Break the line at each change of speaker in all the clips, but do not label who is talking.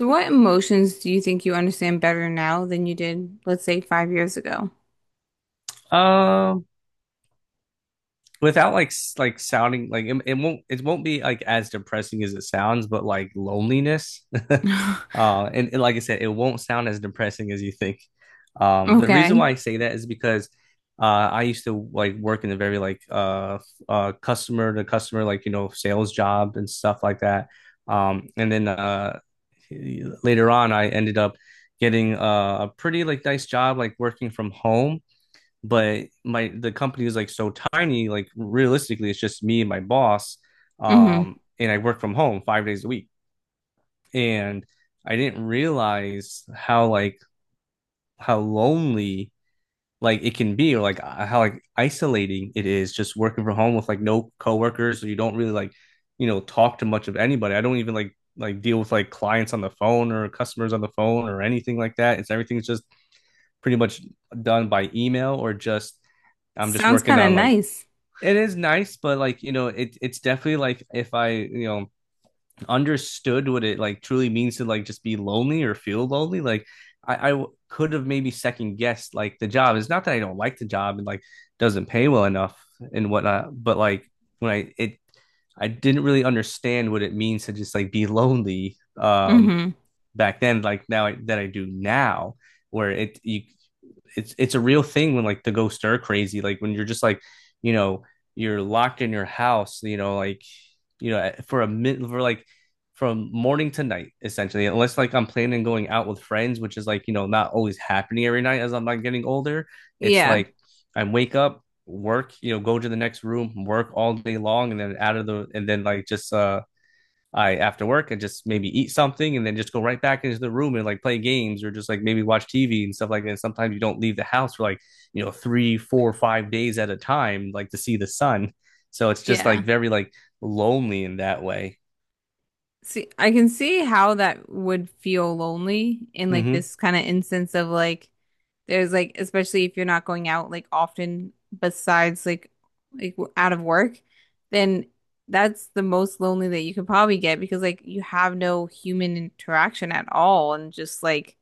So what emotions do you think you understand better now than you did, let's say, 5 years ago?
Um, Without like like sounding like it won't be like as depressing as it sounds, but like loneliness. And like I said, it won't sound as depressing as you think. The reason why
Okay.
I say that is because I used to like work in a very like customer to customer like you know sales job and stuff like that. And then later on, I ended up getting a pretty like nice job like working from home, but my the company is like so tiny, like realistically it's just me and my boss.
Hmm.
And I work from home 5 days a week, and I didn't realize how like how lonely like it can be, or like how like isolating it is just working from home with like no coworkers, so you don't really like you know talk to much of anybody. I don't even like deal with like clients on the phone or customers on the phone or anything like that. It's everything's just pretty much done by email, or just I'm just
Sounds
working
kind of
on like
nice.
it is nice, but like you know, it's definitely like if I you know understood what it like truly means to like just be lonely or feel lonely, like I could have maybe second guessed like the job. It's not that I don't like the job and like doesn't pay well enough and whatnot, but like when I it I didn't really understand what it means to just like be lonely.
Hmm.
Back then, like now that I do now, where it you it's a real thing when like the ghosts stir crazy, like when you're just like you know you're locked in your house, you know like you know for a minute for like from morning to night essentially, unless like I'm planning on going out with friends, which is like you know not always happening every night as I'm like getting older. It's
Yeah.
like I wake up, work, you know, go to the next room, work all day long, and then out of the and then like just I after work, and just maybe eat something, and then just go right back into the room and like play games, or just like maybe watch TV and stuff like that. And sometimes you don't leave the house for like, you know, three, four, 5 days at a time, like to see the sun. So it's just
Yeah.
like very like lonely in that way.
See, I can see how that would feel lonely in like
Mm-hmm.
this kind of instance of like there's like, especially if you're not going out like often, besides like out of work, then that's the most lonely that you could probably get, because like you have no human interaction at all and just like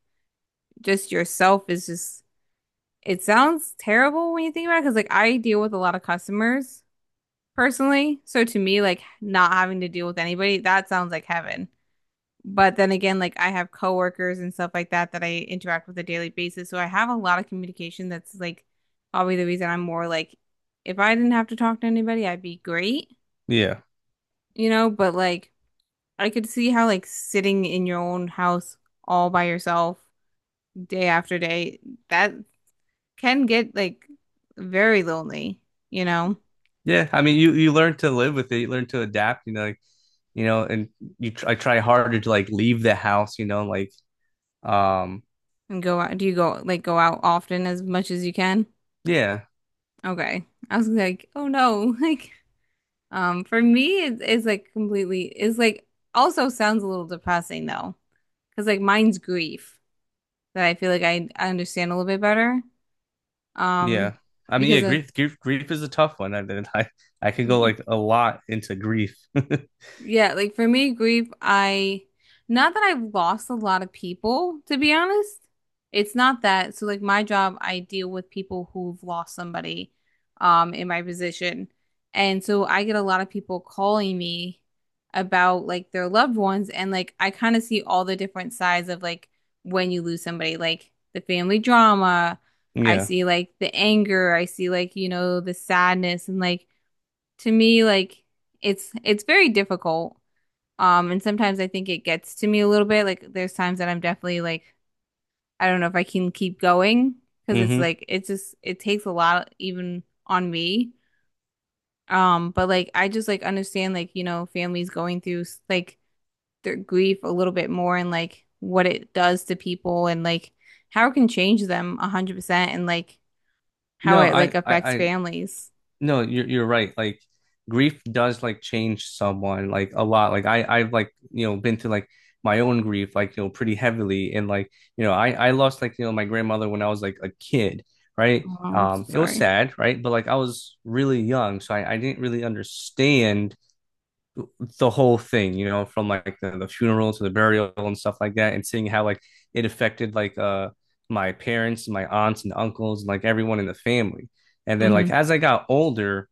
just yourself is just, it sounds terrible when you think about it, because like I deal with a lot of customers personally. So to me, like not having to deal with anybody, that sounds like heaven. But then again, like I have coworkers and stuff like that that I interact with a daily basis. So I have a lot of communication that's like probably the reason I'm more like, if I didn't have to talk to anybody, I'd be great,
Yeah.
but like I could see how like sitting in your own house all by yourself day after day, that can get like very lonely, you know?
Yeah, I mean, you learn to live with it. You learn to adapt, you know, like, you know, and I try harder to like leave the house, you know, like, um,
And go out. Do you go like go out often as much as you can?
yeah.
Okay. I was like, oh no. Like, for me, it's like completely, it's like also sounds a little depressing though. Cause like mine's grief that I feel like I understand a little bit better. Um,
Yeah, I mean, yeah,
because of,
grief is a tough one. I mean, I could go like a lot into grief.
yeah, like for me, grief, I not that I've lost a lot of people, to be honest. It's not that. So like my job, I deal with people who've lost somebody in my position. And so I get a lot of people calling me about like their loved ones, and like I kind of see all the different sides of like when you lose somebody, like the family drama. I
Yeah.
see like the anger, I see like the sadness, and like to me like it's very difficult, and sometimes I think it gets to me a little bit. Like there's times that I'm definitely like, I don't know if I can keep going, because it's
Hmm.
like it's just, it takes a lot even on me. But like I just like understand like, families going through like their grief a little bit more, and like what it does to people, and like how it can change them 100%, and like how
No,
it like affects families.
no, you're right. Like grief does like change someone like a lot. Like I've like, you know, been through like my own grief, like, you know, pretty heavily. And like, you know, I lost like, you know, my grandmother when I was like a kid, right?
Oh, I'm so
It was
sorry.
sad, right? But like I was really young, so I didn't really understand the whole thing, you know, from like the funeral to the burial and stuff like that, and seeing how like it affected like my parents, my aunts and uncles, and like everyone in the family. And then
Mm-hmm.
like as I got older,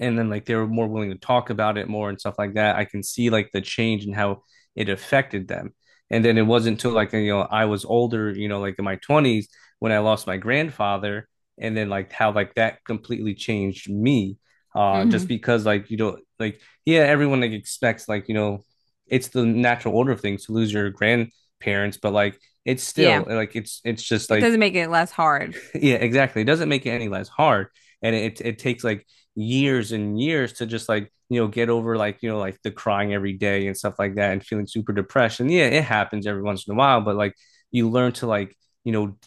and then like they were more willing to talk about it more and stuff like that. I can see like the change and how it affected them. And then it wasn't until like you know I was older, you know, like in my twenties when I lost my grandfather, and then like how like that completely changed me.
Mm-hmm.
Just because like you know like yeah everyone like expects like you know it's the natural order of things to lose your grandparents, but like it's
Yeah.
still like it's just
It
like
doesn't make it less hard.
yeah, exactly. It doesn't make it any less hard, and it takes like years and years to just like you know get over like you know like the crying every day and stuff like that, and feeling super depressed. And yeah, it happens every once in a while, but like you learn to like you know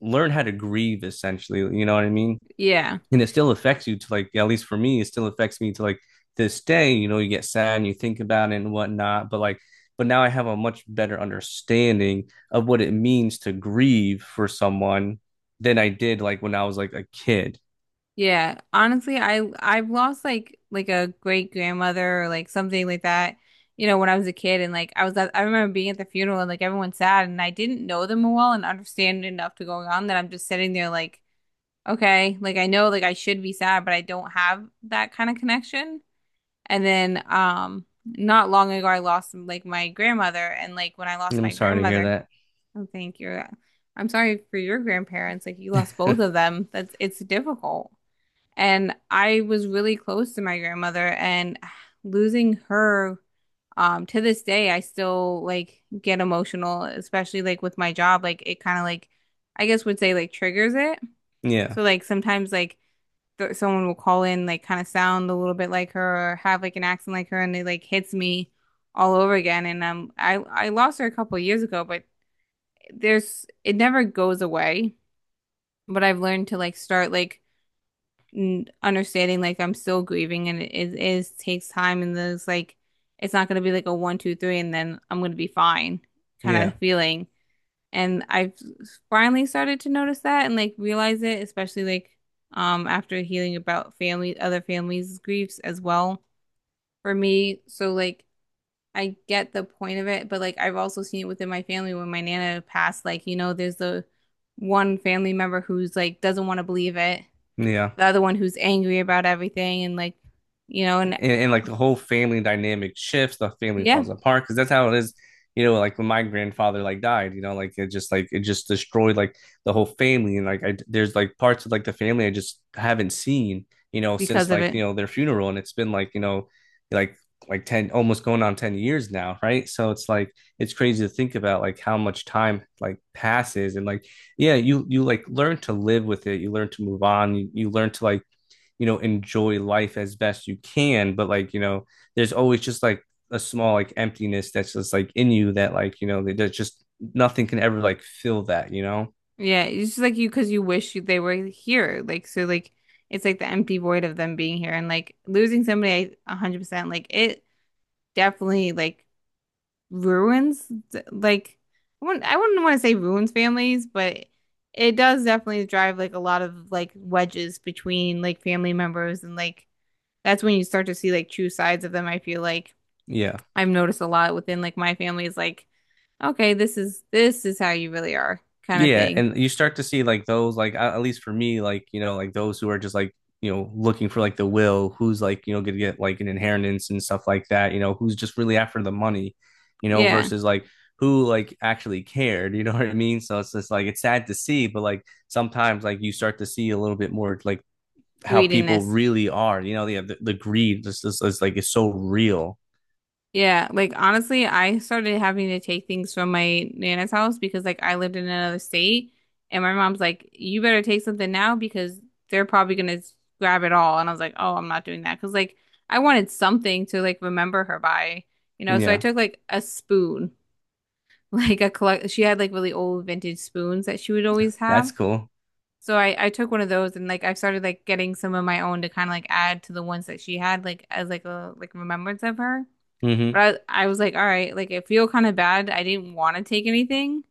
learn how to grieve essentially. You know what I mean?
Yeah.
And it still affects you to like, at least for me, it still affects me to like this day, you know, you get sad and you think about it and whatnot, but like but now I have a much better understanding of what it means to grieve for someone than I did like when I was like a kid.
Yeah, honestly, I've lost like a great grandmother or like something like that, when I was a kid, and like I remember being at the funeral, and like everyone's sad, and I didn't know them well and understand enough to go on, that I'm just sitting there like, okay, like I know like I should be sad, but I don't have that kind of connection. And then not long ago I lost like my grandmother, and like when I lost
I'm
my
sorry to hear
grandmother,
that.
I think you're I'm sorry for your grandparents, like you lost both of them. That's it's difficult. And I was really close to my grandmother, and losing her, to this day I still like get emotional, especially like with my job, like it kind of like, I guess would say, like triggers it.
Yeah,
So like sometimes like th someone will call in, like kind of sound a little bit like her or have like an accent like her, and it like hits me all over again, and I lost her a couple years ago, but there's it never goes away. But I've learned to like start like understanding like I'm still grieving, and it is takes time, and there's like, it's not gonna be like a one, two, three and then I'm gonna be fine kind
yeah,
of feeling. And I've finally started to notice that and like realize it, especially like after healing about family other families' griefs as well for me. So like I get the point of it, but like I've also seen it within my family when my nana passed, there's the one family member who's like doesn't want to believe it,
yeah.
the other one who's angry about everything, and and
And like the whole family dynamic shifts, the family
yeah,
falls apart because that's how it is. You know, like when my grandfather like died, you know, like it just destroyed like the whole family, and like I there's like parts of like the family I just haven't seen, you know,
because
since
of
like
it.
you know their funeral, and it's been like you know, like like 10 almost going on 10 years now, right? So it's like it's crazy to think about like how much time like passes, and like yeah you like learn to live with it, you learn to move on, you learn to like, you know, enjoy life as best you can. But like, you know, there's always just like a small like emptiness that's just like in you that like, you know, that just nothing can ever like fill that, you know?
Yeah, it's just like you, because you wish they were here. Like so, like it's like the empty void of them being here and like losing somebody. I 100% like it definitely like ruins, like I wouldn't want to say ruins families, but it does definitely drive like a lot of like wedges between like family members, and like that's when you start to see like true sides of them. I feel like
Yeah.
I've noticed a lot within like my family is like, okay, this is how you really are kind of
Yeah,
thing.
and you start to see like those like at least for me like you know like those who are just like you know looking for like the will who's like you know gonna get like an inheritance and stuff like that, you know, who's just really after the money, you know,
Yeah,
versus like who like actually cared. You know what I mean, so it's just like it's sad to see, but like sometimes like you start to see a little bit more like how people
greediness.
really are, you know. Yeah, the greed just is like it's so real.
Yeah, like honestly, I started having to take things from my nana's house, because like I lived in another state and my mom's like, "You better take something now, because they're probably gonna grab it all." And I was like, "Oh, I'm not doing that, because like I wanted something to like remember her by, so I
Yeah.
took like a spoon." Like a collect she had like really old vintage spoons that she would always
That's
have.
cool.
So I took one of those, and like I've started like getting some of my own to kind of like add to the ones that she had, like as like a like remembrance of her.
Hmm.
But I was like, all right, like I feel kind of bad. I didn't want to take anything,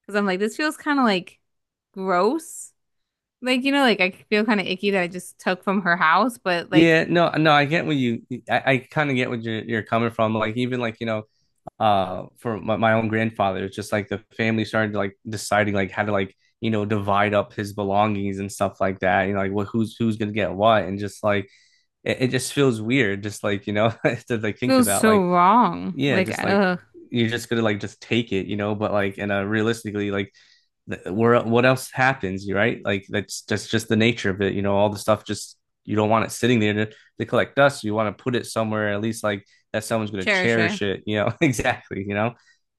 because I'm like this feels kind of like gross. Like like I feel kind of icky that I just took from her house, but
Yeah,
like
no, no, I kind of get what you're coming from. Like, even like, you know, for my own grandfather, it's just like the family started like deciding like how to like, you know, divide up his belongings and stuff like that. You know, like what, who's gonna get what. And just like, it just feels weird, just like, you know, to like think
feels
about
so
like,
wrong.
yeah,
Like
just like
ugh,
you're just gonna like just take it, you know. But like, and realistically, like, where what else happens, right? Like that's just the nature of it, you know. All the stuff just you don't want it sitting there to collect dust. You want to put it somewhere at least like that someone's gonna
cherish it.
cherish it, you know. Exactly, you know.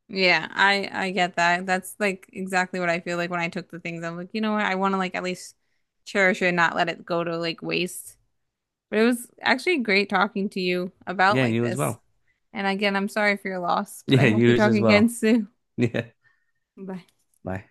Yeah, I get that. That's like exactly what I feel like when I took the things. I'm like, you know what? I want to like at least cherish it and not let it go to like waste. But it was actually great talking to you about
Yeah,
like
you as
this.
well.
And again, I'm sorry for your loss, but I
Yeah,
hope we
you
talk
as
again
well.
soon.
Yeah,
Bye.
bye.